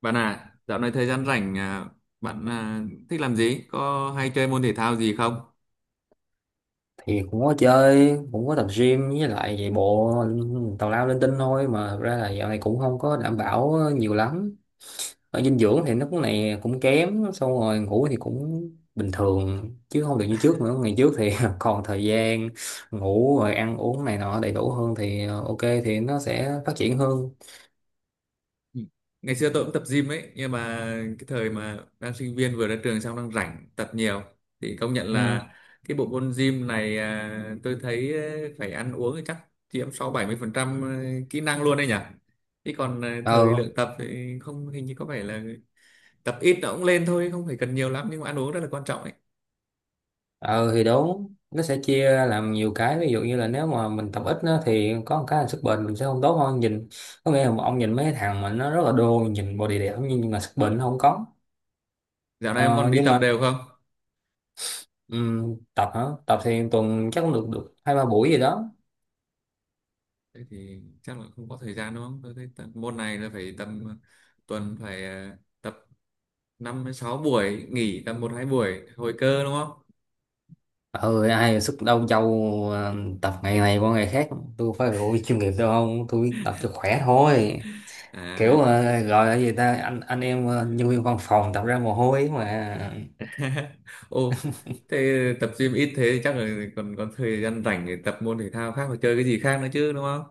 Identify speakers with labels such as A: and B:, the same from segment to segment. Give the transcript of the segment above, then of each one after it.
A: Bạn à, dạo này thời gian rảnh à, bạn à, thích làm gì? Có hay chơi môn thể thao gì không?
B: Thì cũng có chơi, cũng có tập gym với lại chạy bộ tào lao linh tinh thôi, mà thật ra là dạo này cũng không có đảm bảo nhiều lắm ở dinh dưỡng thì nó cũng này cũng kém, xong rồi ngủ thì cũng bình thường chứ không được như trước nữa. Ngày trước thì còn thời gian ngủ rồi ăn uống này nọ đầy đủ hơn thì ok thì nó sẽ phát triển hơn.
A: Ừ. Ngày xưa tôi cũng tập gym ấy, nhưng mà cái thời mà đang sinh viên vừa ra trường xong đang rảnh tập nhiều thì công nhận
B: Ừ.
A: là cái bộ môn gym này à, tôi thấy phải ăn uống thì chắc chiếm sáu bảy mươi phần trăm à, kỹ năng luôn đấy nhỉ. Chứ còn thời
B: Ừ.
A: lượng tập thì không, hình như có vẻ là tập ít nó cũng lên thôi, không phải cần nhiều lắm, nhưng mà ăn uống rất là quan trọng ấy.
B: ờ thì đúng, nó sẽ chia ra làm nhiều cái, ví dụ như là nếu mà mình tập ít á, thì có một cái là sức bền mình sẽ không tốt hơn. Nhìn có nghĩa là ông nhìn mấy cái thằng mà nó rất là đô, nhìn body đẹp nhưng mà sức bền nó không có.
A: Dạo này em
B: ờ,
A: còn đi
B: nhưng
A: tập
B: mà
A: đều không?
B: tập hả? Tập thì tuần chắc cũng được được 2-3 buổi gì đó.
A: Thế thì chắc là không có thời gian đúng không, tôi thấy tập, môn này là phải tầm tuần phải tập năm đến sáu buổi, nghỉ tầm một hai buổi hồi cơ đúng không.
B: Ừ, ai sức đâu châu. Ờ, tập ngày này qua ngày khác, tôi phải ủi chuyên nghiệp đâu, không tôi tập cho khỏe thôi.
A: À thế
B: Kiểu
A: ạ.
B: gọi là gì ta, anh em, nhân viên văn phòng tập ra mồ hôi mà.
A: Ô, thế tập gym ít thế thì chắc là còn còn thời gian rảnh để tập môn thể thao khác và chơi cái gì khác nữa chứ đúng không.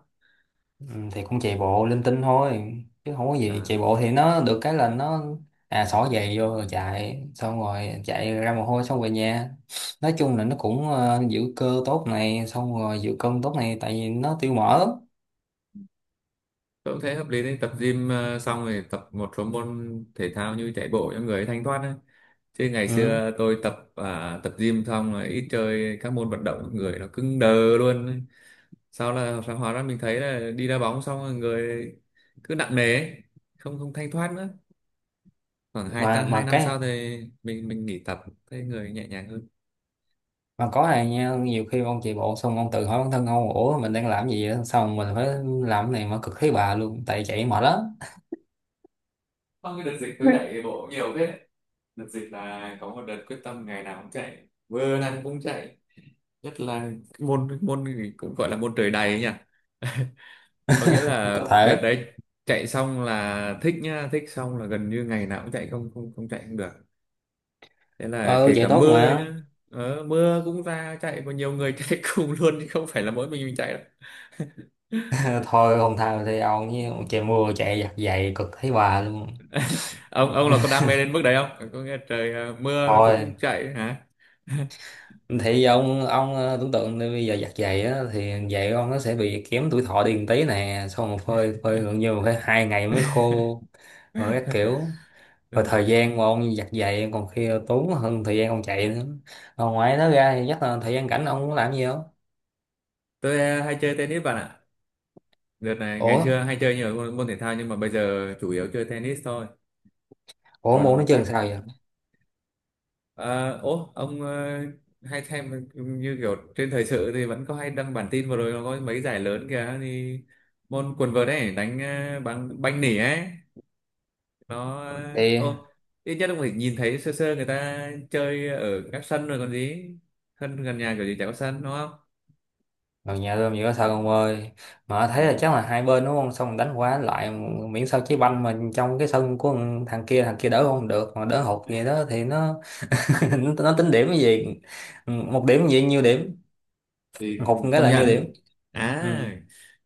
B: Ừ, thì cũng chạy bộ linh tinh thôi chứ không có gì.
A: À,
B: Chạy bộ thì nó được cái là nó, à, xỏ giày vô rồi chạy, xong rồi chạy ra mồ hôi xong về nhà. Nói chung là nó cũng giữ cơ tốt này, xong rồi giữ cân tốt này, tại vì nó tiêu mỡ.
A: tôi cũng thấy hợp lý đấy, tập gym xong rồi tập một số môn thể thao như chạy bộ cho người thanh thoát ấy. Chứ ngày
B: Ừ.
A: xưa tôi tập à, tập gym xong rồi ít chơi các môn vận động, người nó cứng đờ luôn ấy. Sau là phải hóa ra mình thấy là đi đá bóng xong rồi người cứ nặng nề ấy, không không thanh thoát nữa, khoảng hai
B: mà
A: ta hai
B: mà
A: năm sau
B: cái
A: thì mình nghỉ tập, thấy người nhẹ nhàng hơn.
B: mà có này nha, nhiều khi ông chạy bộ xong ông tự hỏi bản thân ông, ủa mình đang làm gì đó, xong mình phải làm cái này mà cực thấy bà luôn tại chạy mệt lắm.
A: Sau cái đợt dịch tôi chạy bộ nhiều thế, đợt dịch là có một đợt quyết tâm ngày nào cũng chạy, vừa nào cũng chạy, nhất là môn môn cũng gọi là môn trời đầy ấy nhỉ. Có nghĩa là
B: Có
A: đợt
B: thể.
A: đấy chạy xong là thích nhá, thích xong là gần như ngày nào cũng chạy, không không không chạy không được. Thế là
B: Ờ
A: kể
B: chạy
A: cả
B: tốt
A: mưa
B: mà.
A: nhá, mưa cũng ra chạy, và nhiều người chạy cùng luôn chứ không phải là mỗi mình chạy đâu.
B: Thôi không thao thì ông với chạy mưa, chạy giặt giày cực thấy bà luôn.
A: Ông là có đam mê đến mức đấy không, có nghe trời à, mưa cũng
B: Thôi
A: chạy hả?
B: thì ông tưởng tượng đi, bây giờ giặt giày á thì giày ông nó sẽ bị kém tuổi thọ đi một tí nè, xong một phơi phơi gần như phải 2 ngày mới khô, rồi các kiểu, rồi
A: Ừ.
B: thời gian mà ông giặt giày còn khi tốn hơn thời gian ông chạy nữa. Rồi ngoài đó ra thì chắc là thời gian rảnh ông có làm gì không?
A: Tôi à, hay chơi tennis bạn ạ, đợt này ngày
B: ủa
A: xưa hay chơi nhiều môn, môn thể thao, nhưng mà bây giờ chủ yếu chơi tennis thôi.
B: ủa muốn nó
A: Còn chắc
B: chừng sao vậy?
A: Ờ, ố ông hay xem như kiểu trên thời sự thì vẫn có hay đăng bản tin, vừa rồi nó có mấy giải lớn kìa, thì môn quần vợt ấy đánh bằng banh nỉ ấy, nó ờ,
B: Thì
A: ô ít nhất ông phải nhìn thấy sơ sơ người ta chơi ở các sân rồi còn gì, sân gần nhà kiểu gì chả có sân đúng không.
B: rồi nhà tôi nhiều sao ông ơi, mà thấy
A: Dạ.
B: là chắc là hai bên đúng không, xong đánh quá lại, miễn sao trái banh mà trong cái sân của thằng kia, thằng kia đỡ không được mà đỡ hụt gì đó thì nó tính điểm cái gì, một điểm gì nhiêu điểm,
A: Thì
B: hụt một cái
A: công
B: là nhiêu
A: nhận
B: điểm. Ừ.
A: à,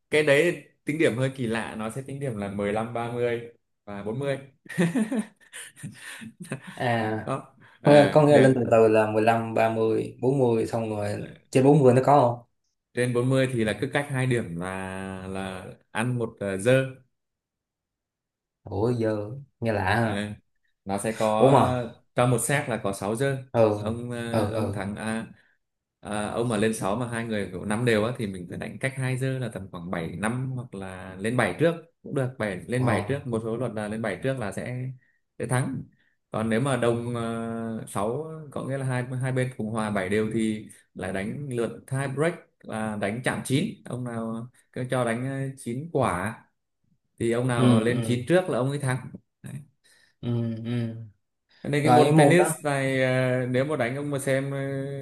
A: cái đấy tính điểm hơi kỳ lạ, nó sẽ tính điểm là mười lăm, ba mươi và bốn mươi.
B: À,
A: Đó,
B: có nghĩa,
A: à,
B: có nghĩa
A: được,
B: lên từ từ là 15 30 40, xong rồi trên 40 nó có không?
A: trên 40 thì là cứ cách hai điểm là là ăn một dơ.
B: Ủa giờ nghe lạ
A: Ờ,
B: ha.
A: nó sẽ
B: Ủa
A: có
B: mà,
A: trong một set là có 6 giơ,
B: ừ,
A: ông
B: ừ,
A: ờ, ông
B: ừ.
A: thắng à, à, ông mà lên 6 mà hai người kiểu năm đều á thì mình phải đánh cách hai giơ, là tầm khoảng bảy năm hoặc là lên 7 trước cũng được, bảy lên 7
B: Ờ.
A: trước, một số luật là lên 7 trước là sẽ thắng. Còn nếu mà đồng 6, có nghĩa là hai hai bên cùng hòa 7 đều thì lại đánh lượt tie break, là đánh chạm chín, ông nào cứ cho đánh 9 quả thì ông
B: Ừ,
A: nào lên
B: ừ,
A: 9 trước là ông ấy thắng.
B: ừ, ừ,
A: Nên cái
B: rồi
A: môn
B: cái môn
A: tennis
B: đó.
A: này nếu mà đánh ông mà xem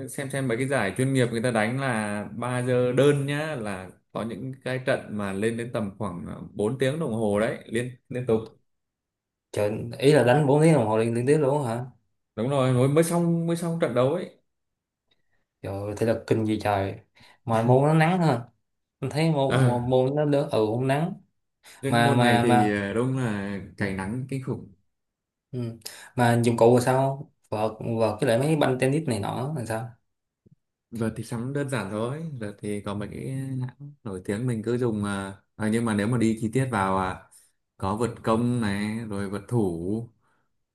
A: xem mấy cái giải chuyên nghiệp người ta đánh là 3 giờ đơn nhá, là có những cái trận mà lên đến tầm khoảng 4 tiếng đồng hồ đấy, liên liên tục.
B: Trời, ý là đánh 4 tiếng đồng hồ liên tiếp luôn hả?
A: Đúng rồi, mới mới xong, mới xong trận đấu ấy.
B: Trời ơi, thể lực kinh gì trời. Mà môn nó nắng ha. Mình thấy môn
A: Ờ,
B: môn, môn nó đỡ, ừ cũng nắng.
A: riêng cái môn này thì
B: Mà
A: đúng là cháy nắng kinh khủng.
B: Ừ. Mà dụng cụ là sao? Vợt cái lại mấy banh tennis này nọ là sao?
A: Giờ thì sắm đơn giản thôi, giờ thì có mấy cái hãng nổi tiếng mình cứ dùng nhưng mà nếu mà đi chi tiết vào à, có vượt công này, rồi vượt thủ,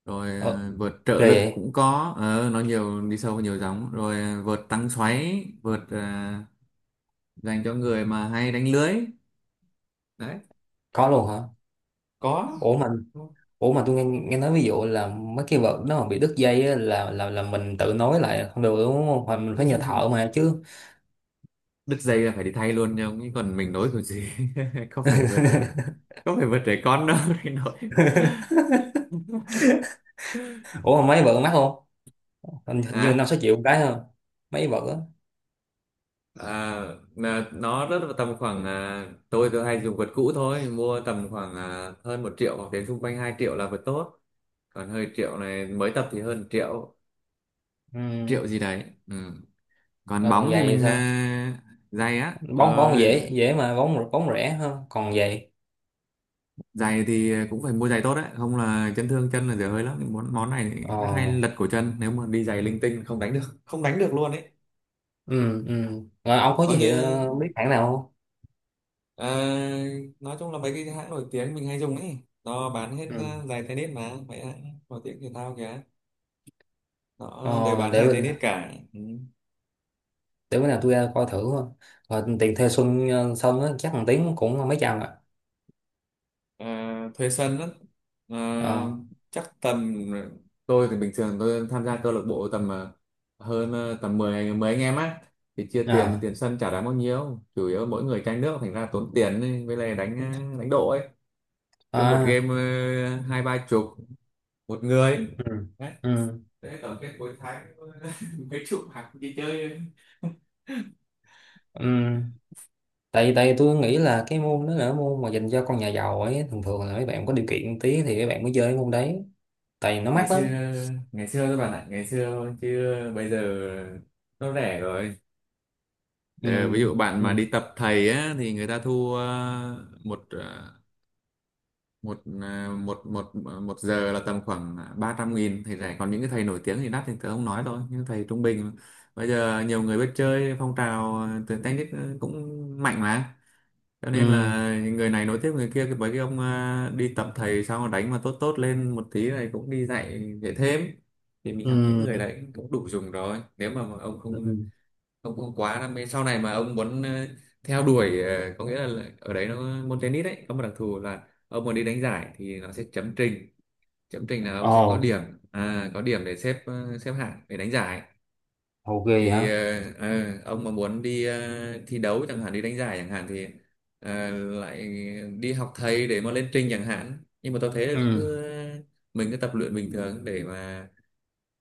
A: rồi
B: Ờ,
A: vượt trợ
B: ghê
A: lực
B: vậy?
A: cũng có, nó nhiều, đi sâu vào nhiều giống, rồi vượt tăng xoáy, vượt dành cho người mà hay đánh lưới đấy,
B: Có luôn hả?
A: có.
B: Ủa mà ủa mà tôi nghe nói ví dụ là mấy cái vợt nó mà bị đứt dây á, là mình tự nối lại không được đúng không? Hoặc mình phải nhờ thợ mà chứ.
A: Đứt dây là phải đi thay luôn, nhưng chứ còn mình nối kiểu gì. Không phải vượt, không phải vượt trẻ con đâu để nối.
B: Ủa mà mấy vợt mắc không? Hình như năm
A: Hả?
B: sáu triệu một cái không? Mấy vợt á.
A: À, là nó rất là tầm khoảng à, tôi hay dùng vượt cũ thôi, mua tầm khoảng à, hơn 1 triệu hoặc đến xung quanh 2 triệu là vượt tốt, còn hơi triệu này mới tập thì hơn triệu,
B: Ừ.
A: triệu gì đấy ừ. Còn
B: Rồi còn
A: bóng thì
B: giày thì
A: mình
B: sao?
A: à, giày á
B: Bóng
A: ờ,
B: bóng dễ dễ mà, bóng bóng rẻ hơn. Còn giày.
A: giày thì cũng phải mua giày tốt đấy, không là chấn thương chân là dở hơi lắm, món món này thì
B: Ờ.
A: rất hay lật cổ chân, nếu mà đi giày linh tinh không đánh được, không đánh được luôn ấy.
B: Ừ, ừ. Rồi ông có
A: Nó
B: giới
A: như
B: thiệu biết hãng nào không?
A: ờ, nói chung là mấy cái hãng nổi tiếng mình hay dùng ấy, nó bán hết
B: Ừ.
A: ra giày tennis mà, mấy hãng nổi tiếng thể thao kìa nó đều
B: Ờ,
A: bán
B: để
A: giày tennis cả ừ.
B: để bữa nào tôi ra coi thử thôi, và tiền thuê Xuân xong á chắc thằng Tiến cũng mấy trăm ạ.
A: Ờ, thuê sân á, Ờ,
B: Ờ.
A: chắc tầm tôi thì bình thường tôi tham gia câu lạc bộ tầm tầm 10 anh 10 anh em á, thì chia tiền,
B: À,
A: tiền sân chả đáng bao nhiêu, chủ yếu mỗi người chai nước thành ra tốn tiền ấy, với lại đánh đánh độ ấy, cứ một
B: à.
A: game hai ba chục một người
B: Ừ,
A: đấy,
B: ừ,
A: thế tổng kết cuối tháng mấy chục hàng đi chơi.
B: ừ. tại tại tôi nghĩ là cái môn đó là môn mà dành cho con nhà giàu ấy, thường thường là mấy bạn có điều kiện tí thì mấy bạn mới chơi cái môn đấy, tại vì nó
A: Ngày
B: mắc
A: xưa,
B: lắm.
A: ngày xưa các bạn ạ, ngày xưa chứ bây giờ nó rẻ rồi.
B: Ừ,
A: Để, ví dụ bạn mà
B: ừ,
A: đi tập thầy á thì người ta thu một một một giờ là tầm khoảng 300.000, Thầy rẻ, còn những cái thầy nổi tiếng thì đắt thì tớ không nói đâu, những thầy trung bình bây giờ nhiều người biết chơi, phong trào tuyển tennis cũng mạnh mà, cho nên
B: ừ,
A: là người này nối tiếp người kia, cái mấy cái ông đi tập thầy xong rồi đánh mà tốt tốt lên một tí này cũng đi dạy, dạy thêm, thì mình học những người
B: ừ,
A: đấy cũng đủ dùng rồi, nếu mà ông
B: ừ.
A: không, ông cũng quá đam mê sau này mà ông muốn theo đuổi có nghĩa là ở đấy nó môn tennis đấy có một đặc thù là ông muốn đi đánh giải thì nó sẽ chấm trình, chấm trình là ông
B: Ồ.
A: sẽ có điểm, à, có điểm để xếp xếp hạng để đánh giải,
B: Hậu ghê
A: thì
B: hả?
A: ông mà muốn đi thi đấu chẳng hạn, đi đánh giải chẳng hạn, thì ờ, lại đi học thầy để mà lên trình chẳng hạn, nhưng mà tôi thấy là
B: Ừ.
A: cứ mình cứ tập luyện bình thường để mà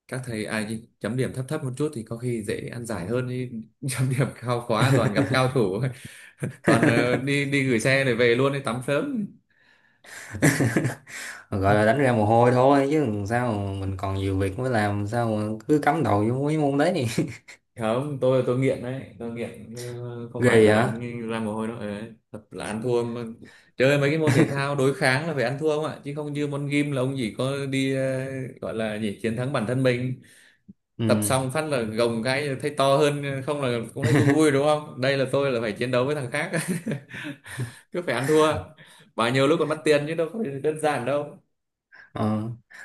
A: các thầy ai chấm điểm thấp thấp một chút thì có khi dễ ăn giải hơn chứ, chấm điểm cao quá toàn gặp cao thủ, toàn đi đi gửi xe để về luôn, đi tắm sớm.
B: Gọi là đánh ra mồ hôi thôi chứ sao, mình còn nhiều việc mới, làm sao mà cứ cắm đầu vô mấy môn đấy.
A: Không, tôi nghiện đấy, tôi nghiện chứ không phải
B: Ghê
A: là
B: hả?
A: đánh ra mồ hôi đâu. Ờ, thật là ăn thua mà. Chơi mấy cái môn thể thao đối kháng là phải ăn thua không ạ, chứ không như môn gym là ông chỉ có đi gọi là gì, chiến thắng bản thân mình,
B: Ừ.
A: tập xong phát là gồng cái thấy to hơn không là cũng thấy vui vui đúng không, đây là tôi là phải chiến đấu với thằng khác, cứ phải ăn thua, bao nhiêu lúc còn mất tiền chứ đâu có đơn giản đâu.
B: Ờ.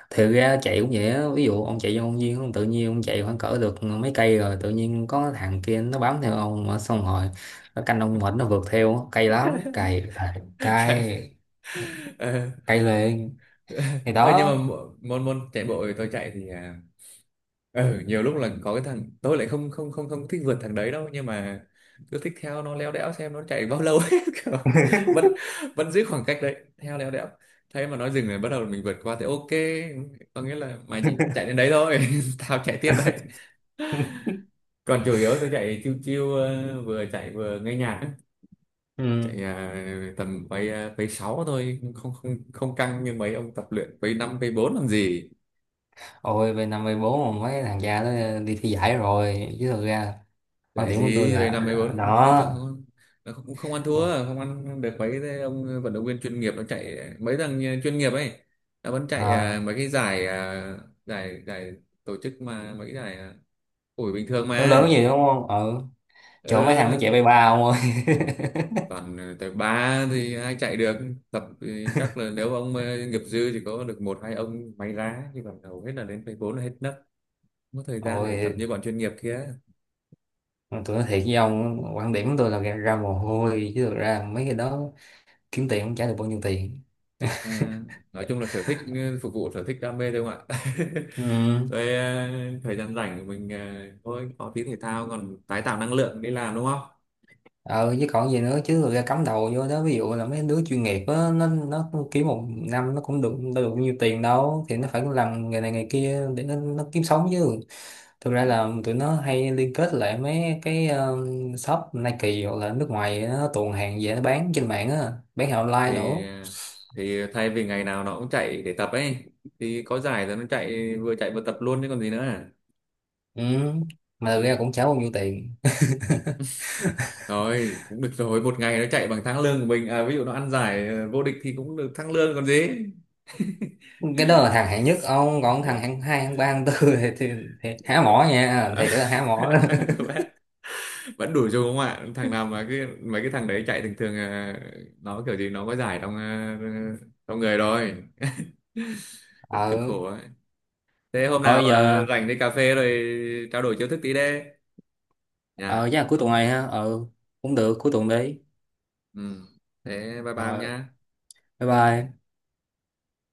B: Thiệt ra chạy cũng vậy á, ví dụ ông chạy vô công viên, ông tự nhiên ông chạy khoảng cỡ được mấy cây rồi tự nhiên có thằng kia nó bám theo ông mà, xong rồi nó canh ông mệt nó vượt theo á. Cay lắm, cay là
A: Chạy
B: cay,
A: ờ
B: cay lên, thì
A: Ờ, nhưng mà
B: đó.
A: môn môn chạy bộ thì tôi chạy thì à, nhiều lúc là có cái thằng tôi lại không không không không thích vượt thằng đấy đâu, nhưng mà cứ thích theo nó léo đéo xem nó chạy bao lâu ấy kiểu, vẫn vẫn giữ khoảng cách đấy theo léo đéo. Thế mà nó dừng rồi bắt đầu mình vượt qua thì ok, có nghĩa là mày chỉ chạy đến đấy thôi, tao chạy tiếp đấy. Còn chủ yếu tôi chạy chiêu chiêu vừa chạy vừa nghe nhạc,
B: Ừ.
A: chạy à, tầm quay à, quay 6 thôi, không không không căng như mấy ông tập luyện quay 5 quay 4 làm gì,
B: Ôi về năm về bốn mà mấy thằng cha nó đi thi giải rồi chứ, thực ra quan
A: giải
B: điểm của tôi
A: gì quay
B: là,
A: 5 quay bốn, không không,
B: đó,
A: chưa- không, nó cũng không ăn thua, không ăn được mấy cái ông vận động viên chuyên nghiệp, nó chạy, mấy thằng nhà chuyên nghiệp ấy nó vẫn chạy à,
B: à,
A: mấy cái giải à, giải giải tổ chức mà, mấy cái giải à, ủi bình thường
B: lớn
A: mà
B: lớn gì đúng không, ừ chỗ mấy thằng nó chạy
A: ừ,
B: bay ba ông ơi.
A: toàn tới ba thì ai chạy được, tập thì chắc là nếu ông nghiệp dư thì có được một hai ông may ra, chứ còn hầu hết là đến phase bốn là hết nấc. Không có thời gian để tập như
B: Ôi.
A: bọn chuyên nghiệp kia.
B: Mà tôi nói thiệt với ông quan điểm của tôi là ra mồ hôi chứ thực ra mấy cái đó kiếm tiền cũng trả được bao nhiêu tiền.
A: À, nói chung là sở thích ừ, phục vụ sở thích đam mê thôi không ạ.
B: Ừ.
A: Rồi à, thời gian rảnh của mình à, thôi có tí thể thao còn tái tạo năng lượng đi làm đúng không.
B: Ờ với còn gì nữa chứ, thực ra cắm đầu vô đó, ví dụ là mấy đứa chuyên nghiệp á, nó kiếm một năm nó cũng được đâu được bao nhiêu tiền đâu, thì nó phải làm nghề này nghề kia để nó kiếm sống chứ. Thực ra
A: Ừ.
B: là tụi nó hay liên kết lại mấy cái shop Nike hoặc là nước ngoài nó tuồn hàng về nó bán trên mạng á, bán hàng online
A: thì
B: nữa.
A: thì thay vì ngày nào nó cũng chạy để tập ấy, thì có giải rồi nó chạy, vừa chạy vừa tập luôn chứ còn gì nữa à.
B: Ừ. Mà thực ra cũng trả bao nhiêu tiền.
A: Rồi cũng được rồi, một ngày nó chạy bằng tháng lương của mình à, ví dụ nó ăn giải vô địch thì cũng được tháng lương còn gì.
B: Cái đó là thằng hạng nhất ông, còn thằng hạng hai hạng ba hạng tư thì, thì, thì
A: Đấy,
B: há mỏ
A: cũng-
B: nha, thiệt là há mỏ.
A: vẫn đủ dùng không ạ, thằng nào mà cái mấy cái thằng đấy chạy thường thường à, nó kiểu gì nó có giải trong à, trong người rồi, cũng cực
B: Ờ
A: khổ ấy. Thế hôm nào
B: thôi
A: mà
B: giờ.
A: rảnh đi cà phê rồi trao đổi chiêu thức tí đi nha
B: Ờ chắc là cuối tuần
A: không
B: này ha. Ờ cũng được, cuối tuần đi.
A: ừ. Thế bye bye ông
B: Rồi
A: nhá.
B: bye bye.